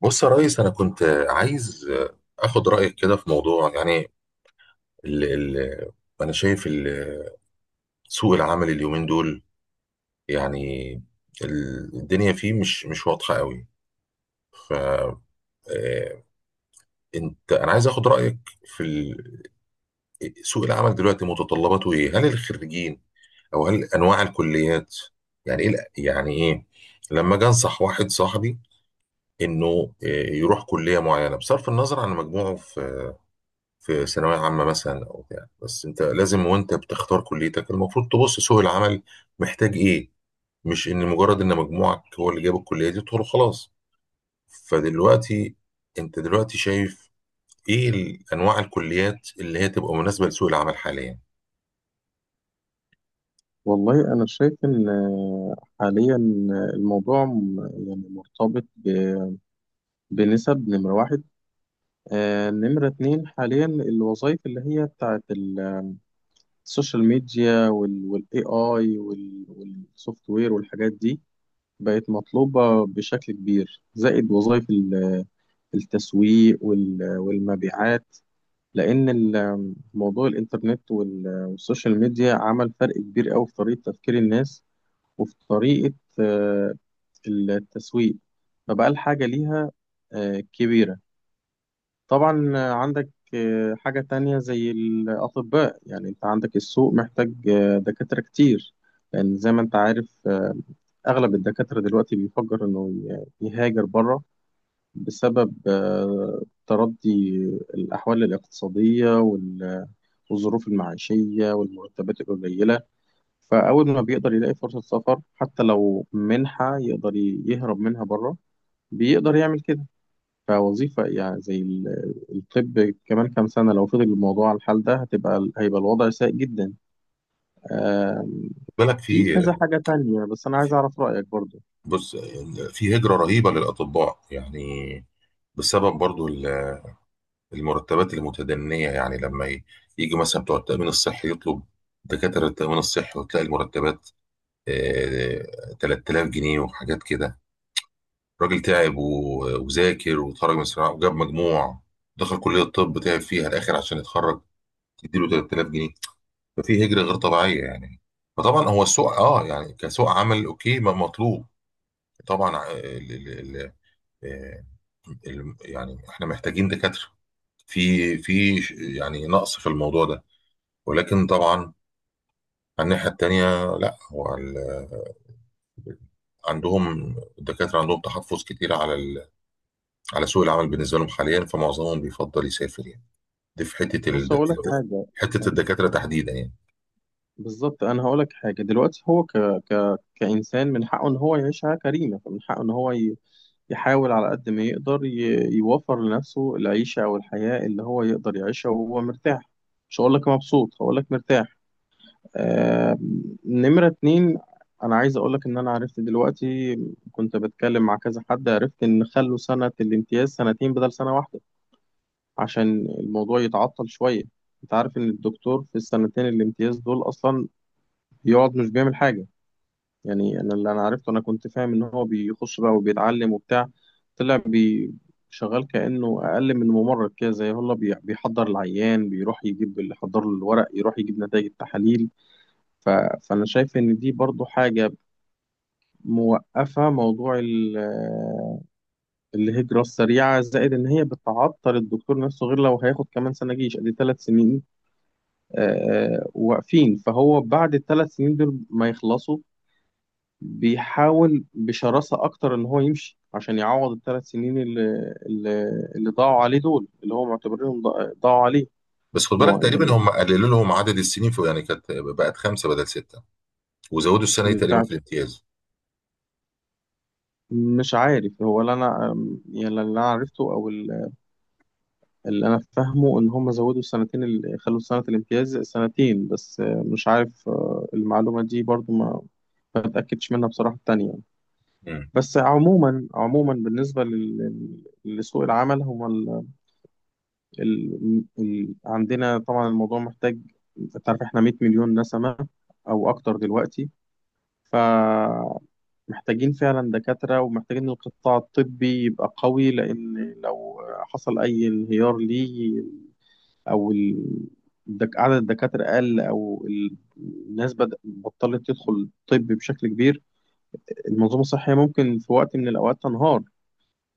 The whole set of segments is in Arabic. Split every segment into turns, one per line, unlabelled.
بص يا ريس، انا كنت عايز اخد رايك كده في موضوع. يعني ال ال انا شايف سوق العمل اليومين دول يعني الدنيا فيه مش واضحه قوي. ف آه، انا عايز اخد رايك في سوق العمل دلوقتي متطلباته ايه؟ هل الخريجين او هل انواع الكليات يعني ايه يعني ايه لما اجي انصح واحد صاحبي انه يروح كليه معينه بصرف النظر عن مجموعه في ثانوية عامة مثلا أو بتاع؟ بس أنت لازم وأنت بتختار كليتك المفروض تبص سوق العمل محتاج إيه، مش إن مجرد إن مجموعك هو اللي جاب الكلية دي تدخل خلاص. فدلوقتي أنت دلوقتي شايف إيه أنواع الكليات اللي هي تبقى مناسبة لسوق العمل حاليا؟
والله أنا شايف إن حاليا، الموضوع يعني مرتبط بنسب نمرة واحد. نمرة اتنين، حاليا الوظائف اللي هي بتاعت السوشيال ميديا والاي اي والسوفت وير والحاجات دي بقت مطلوبة بشكل كبير، زائد وظائف التسويق والمبيعات، لأن موضوع الإنترنت والسوشيال ميديا عمل فرق كبير أوي في طريقة تفكير الناس، وفي طريقة آه، التسويق، فبقى الحاجة ليها كبيرة. طبعا عندك حاجة تانية زي الأطباء، يعني أنت عندك السوق محتاج دكاترة كتير، لأن زي ما أنت عارف، أغلب الدكاترة دلوقتي بيفكر إنه يهاجر بره بسبب تردي الأحوال الاقتصادية والظروف المعيشية والمرتبات القليلة. فأول ما بيقدر يلاقي فرصة سفر حتى لو منحة يقدر يهرب منها بره، بيقدر يعمل كده. فوظيفة يعني زي الطب، كمان كام سنة لو فضل الموضوع على الحال ده هيبقى الوضع سيء جدا. آم،
خد بالك،
في كذا حاجة تانية، بس أنا عايز
في-
أعرف رأيك برضو.
بص، في هجرة رهيبة للأطباء يعني، بسبب برضو المرتبات المتدنية. يعني لما يجي مثلا بتوع التأمين الصحي يطلب دكاترة التأمين الصحي، وتلاقي المرتبات 3000 جنيه وحاجات كده. الراجل تعب وذاكر وتخرج من الثانوية وجاب مجموع، دخل كلية الطب تعب فيها الآخر عشان يتخرج، تديله 3000 جنيه. ففي هجرة غير طبيعية يعني. فطبعا هو السوق اه، يعني كسوق عمل اوكي، ما مطلوب طبعا. ال ال ال آه، يعني احنا محتاجين دكاترة، في يعني نقص في الموضوع ده. ولكن طبعا على الناحية التانية، لا هو عندهم، الدكاترة عندهم تحفظ كتير على سوق العمل بالنسبه لهم حاليا، فمعظمهم بيفضل يسافر يعني. دي في
بص أقول لك حاجة.
حته الدكاتره
آه،
تحديدا يعني.
بالظبط، أنا هقول لك حاجة دلوقتي. هو كإنسان من حقه إن هو يعيش حياة كريمة، فمن حقه إن هو يحاول على قد ما يقدر يوفر لنفسه العيشة أو الحياة اللي هو يقدر يعيشها وهو مرتاح. مش هقول لك مبسوط، هقول لك مرتاح. آه، نمرة اتنين، أنا عايز أقولك إن أنا عرفت دلوقتي، كنت بتكلم مع كذا حد، عرفت إن خلوا سنة الامتياز سنتين بدل سنة واحدة عشان الموضوع يتعطل شوية. أنت عارف إن الدكتور في السنتين الامتياز دول أصلا بيقعد مش بيعمل حاجة. يعني أنا اللي أنا عرفته، أنا كنت فاهم إن هو بيخش بقى وبيتعلم وبتاع. طلع بي شغال كأنه أقل من ممرض كده، زي هو بيحضر العيان، بيروح يجيب اللي حضر له الورق، يروح يجيب نتائج التحاليل. ف... فأنا شايف إن دي برضو حاجة موقفة موضوع الهجرة السريعة، زائد إن هي بتعطل الدكتور نفسه، غير لو هياخد كمان سنة جيش، أدي 3 سنين واقفين. فهو بعد الثلاث سنين دول ما يخلصوا بيحاول بشراسة أكتر إن هو يمشي عشان يعوض الثلاث سنين اللي, اللي ضاعوا عليه دول، اللي هو معتبرينهم ضاعوا عليه.
بس خد بالك،
هو
تقريبا
يعني
هم قللوا لهم عدد السنين، في يعني كانت بقت خمسه بدل سته، وزودوا السنه دي تقريبا
بتاع،
في الامتياز.
مش عارف هو. لا، أنا يعني اللي أنا عرفته أو اللي انا فاهمه، ان هم زودوا السنتين، اللي خلوا سنه الامتياز سنتين. بس مش عارف، المعلومه دي برضو ما اتاكدش منها بصراحه التانية يعني.
مم.
بس عموما، عموما بالنسبه لسوق العمل، هو عندنا طبعا الموضوع محتاج. انت عارف احنا 100 مليون نسمه او اكتر دلوقتي، فمحتاجين فعلا دكاتره، ومحتاجين القطاع الطبي يبقى قوي، لان لو حصل اي انهيار ليه، او عدد الدكاتره قل، او الناس بدأ بطلت تدخل طب بشكل كبير، المنظومه الصحيه ممكن في وقت من الاوقات تنهار،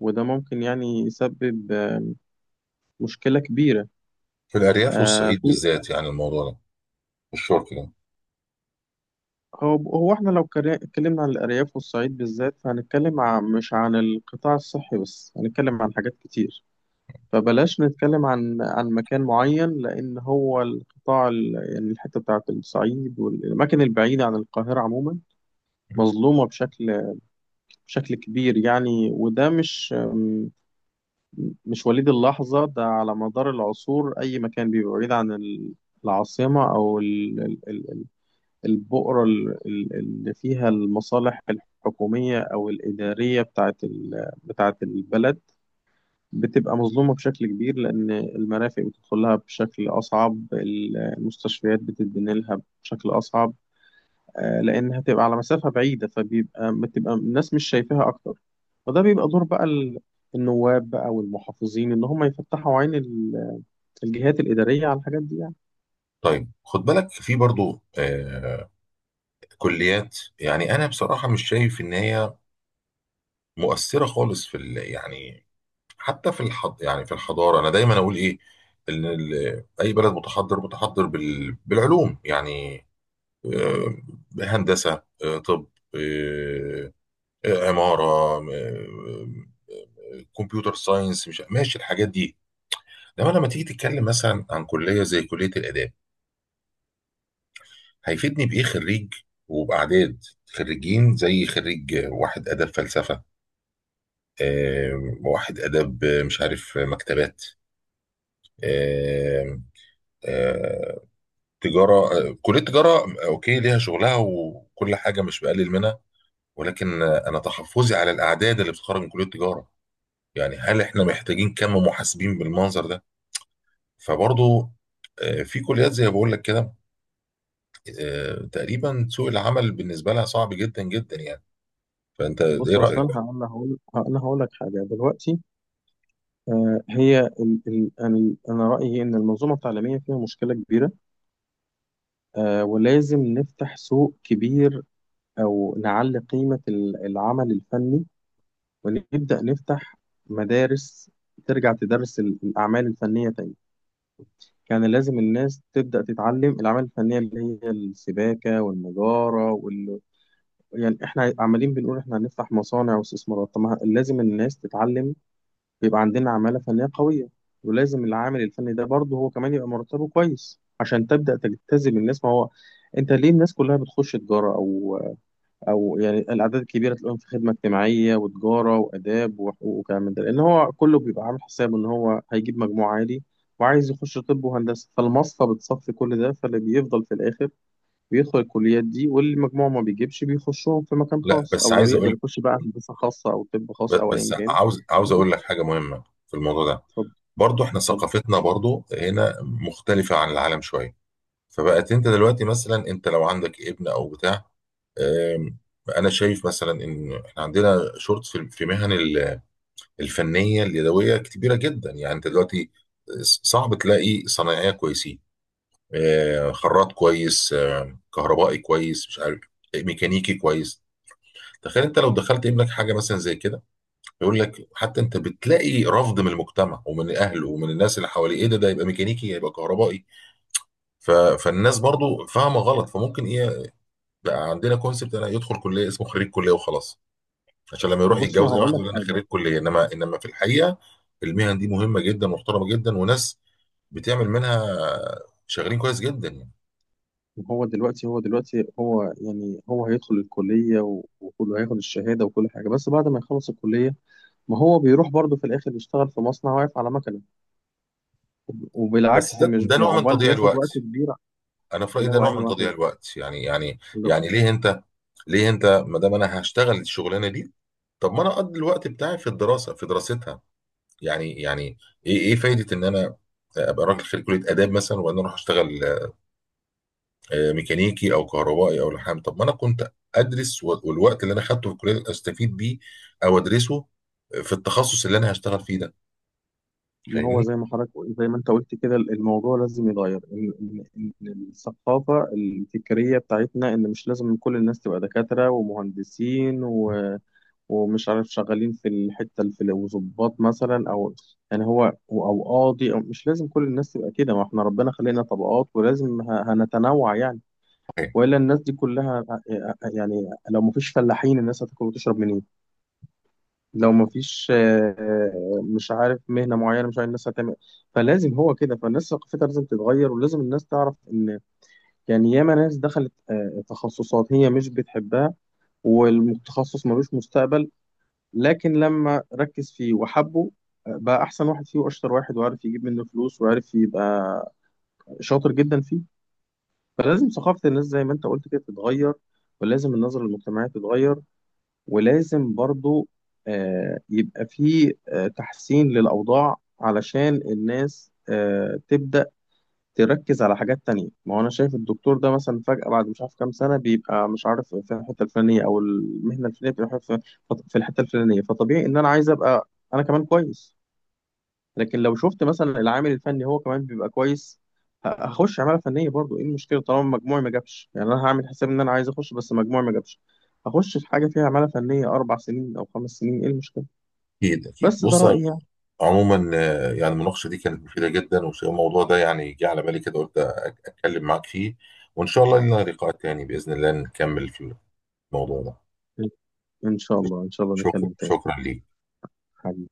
وده ممكن يعني يسبب مشكله كبيره.
في الارياف والصعيد
في.
بالذات يعني الموضوع ده، الشرق ده.
هو هو احنا لو اتكلمنا عن الارياف والصعيد بالذات، فهنتكلم عن مش عن القطاع الصحي بس، هنتكلم عن حاجات كتير. فبلاش نتكلم عن مكان معين، لان هو يعني الحته بتاعت الصعيد والاماكن البعيده عن القاهره عموما مظلومه بشكل كبير يعني، وده مش وليد اللحظة، ده على مدار العصور أي مكان بيبقى بعيد عن العاصمة أو البؤرة اللي فيها المصالح الحكومية أو الإدارية بتاعت البلد بتبقى مظلومة بشكل كبير، لأن المرافق بتدخلها بشكل أصعب، المستشفيات بتتبني لها بشكل أصعب. لان هتبقى على مسافه بعيده، بتبقى الناس مش شايفاها اكتر. وده بيبقى دور بقى النواب بقى والمحافظين، ان هم يفتحوا عين الجهات الاداريه على الحاجات دي يعني.
طيب خد بالك في برضو كليات، يعني انا بصراحه مش شايف ان هي مؤثره خالص في يعني حتى في يعني في الحضاره. انا دايما اقول ايه، ان اي بلد متحضر، متحضر بالعلوم يعني. آه، هندسه، طب، آه، عماره، آه، كمبيوتر ساينس. مش ماشي الحاجات دي. انما لما تيجي تتكلم مثلا عن كليه زي كليه الاداب، هيفيدني بايه خريج؟ وباعداد خريجين زي خريج واحد اداب فلسفه، واحد اداب مش عارف مكتبات، آه، آه، تجارة. كلية تجارة أوكي، ليها شغلها وكل حاجة، مش بقلل منها. ولكن أنا تحفظي على الأعداد اللي بتخرج من كلية تجارة. يعني هل إحنا محتاجين كم محاسبين بالمنظر ده؟ فبرضه، في كليات زي ما بقول لك كده تقريبا سوق العمل بالنسبة لها صعب جدا جدا يعني. فأنت إيه
بص، اصلا
رأيك؟
هقول انا هقول انا هقول لك حاجه دلوقتي. هي ال ال ال انا رايي ان المنظومه التعليميه فيها مشكله كبيره، ولازم نفتح سوق كبير، او نعلي قيمه العمل الفني، ونبدا نفتح مدارس ترجع تدرس الاعمال الفنيه تاني. كان لازم الناس تبدأ تتعلم الأعمال الفنية اللي هي السباكة والنجارة يعني إحنا عمالين بنقول إحنا هنفتح مصانع واستثمارات، طب ما لازم الناس تتعلم يبقى عندنا عمالة فنية قوية. ولازم العامل الفني ده برضه هو كمان يبقى مرتبه كويس عشان تبدأ تجتذب الناس. ما هو أنت ليه الناس كلها بتخش تجارة أو يعني الاعداد الكبيره تلاقيهم في خدمه اجتماعيه وتجاره واداب وحقوق وكلام من ده؟ لان هو كله بيبقى عامل حسابه ان هو هيجيب مجموع عالي وعايز يخش طب وهندسه، فالمصفى بتصفي كل ده، فاللي بيفضل في الاخر بيدخل الكليات دي، واللي مجموعه ما بيجيبش بيخشهم في مكان
لا
خاص،
بس
او لو
عايز
يقدر
أقول،
يخش بقى هندسه خاصه او طب خاص
ب-
او ايا
بس
كان
عاوز
يخش.
أقول لك حاجة مهمة في الموضوع ده.
اتفضل.
برضه إحنا
اتفضل.
ثقافتنا برضه هنا مختلفة عن العالم شوية. فبقت انت دلوقتي مثلا، انت لو عندك ابن او بتاع، آم، انا شايف مثلا ان احنا عندنا شورت في مهن الفنيه اليدويه كبيره جدا. يعني انت دلوقتي صعب تلاقي صنايعيه كويسين، خراط كويس، كهربائي كويس، مش عارف، ميكانيكي كويس. تخيل انت لو دخلت ابنك حاجه مثلا زي كده، يقول لك، حتى انت بتلاقي رفض من المجتمع ومن اهله ومن الناس اللي حواليه: ايه ده؟ ده يبقى ميكانيكي، يبقى كهربائي؟ فالناس برضو فاهمه غلط. فممكن ايه، لا، عندنا كونسبت انا يدخل كليه، اسمه خريج كليه وخلاص، عشان لما يروح
بص ما
يتجوز اي
هقول
واحد
لك
يقول انا
حاجه.
خريج كليه. انما في الحقيقه المهن دي مهمه جدا، محترمه جدا، وناس بتعمل منها شغالين كويس جدا يعني.
هو دلوقتي هو دلوقتي هو يعني هو هيدخل الكليه وكله هياخد الشهاده وكل حاجه، بس بعد ما يخلص الكليه ما هو بيروح برضه في الآخر يشتغل في مصنع واقف على مكنة،
بس
وبالعكس
ده
مش يعني
نوع من
عقبال
تضييع
بياخد
الوقت.
وقت كبير.
انا في رايي
اللي
ده
هو
نوع
أنهي
من تضييع
واحد
الوقت يعني يعني.
اللي-
يعني ليه انت، ما دام انا هشتغل الشغلانه دي، طب ما انا اقضي الوقت بتاعي في الدراسه، في دراستها يعني يعني. ايه فايده ان انا ابقى راجل خريج كليه اداب مثلا وبعدين اروح اشتغل ميكانيكي او كهربائي او لحام؟ طب ما انا كنت ادرس، والوقت اللي انا خدته في الكليه استفيد بيه، او ادرسه في التخصص اللي انا هشتغل فيه ده.
ما هو
فاهمني؟
زي ما حضرتك، زي ما أنت قلت كده، الموضوع لازم يتغير، إن إن الثقافة الفكرية بتاعتنا إن مش لازم كل الناس تبقى دكاترة ومهندسين ومش عارف شغالين في وظباط مثلا، أو يعني هو أو قاضي، أو مش لازم كل الناس تبقى كده، ما إحنا ربنا خلقنا طبقات ولازم هنتنوع يعني.
أوكي.
والا الناس دي كلها يعني لو مفيش فلاحين الناس هتاكل وتشرب منين؟ لو مفيش مش عارف مهنه معينه، مش عارف الناس هتعمل إيه. فلازم هو كده، فالناس ثقافتها لازم تتغير، ولازم الناس تعرف ان، يعني، ياما ناس دخلت تخصصات هي مش بتحبها والتخصص ملوش مستقبل، لكن لما ركز فيه وحبه بقى احسن واحد فيه واشطر واحد، وعارف يجيب منه فلوس وعارف يبقى شاطر جدا فيه. فلازم ثقافه الناس زي ما انت قلت كده تتغير، ولازم النظرة للمجتمعية تتغير، ولازم برضو يبقى في تحسين للأوضاع علشان الناس تبدأ تركز على حاجات تانية. ما هو أنا شايف الدكتور ده مثلا فجأة بعد مش عارف كام سنة بيبقى مش عارف في الحتة الفلانية أو المهنة الفلانية، بيبقى في الحتة الفلانية، فطبيعي إن أنا عايز أبقى أنا كمان كويس. لكن لو شفت مثلا العامل الفني هو كمان بيبقى كويس، هخش عماله فنيه، برضو ايه المشكله؟ طالما مجموعي ما جابش يعني انا هعمل حساب ان انا عايز اخش بس مجموعي ما جابش، هخش في حاجه فيها عماله فنيه 4 سنين او 5 سنين، ايه المشكله؟
اكيد اكيد.
بس ده
بص
رايي يعني.
عموما، يعني المناقشه دي كانت مفيده جدا، والموضوع ده يعني جه على بالي كده قلت اتكلم معاك فيه. وان شاء الله لنا لقاء تاني باذن الله نكمل في الموضوع ده.
ان شاء الله، ان شاء الله
شكرا،
نتكلم تاني.
شكرا ليك.
حبيبي.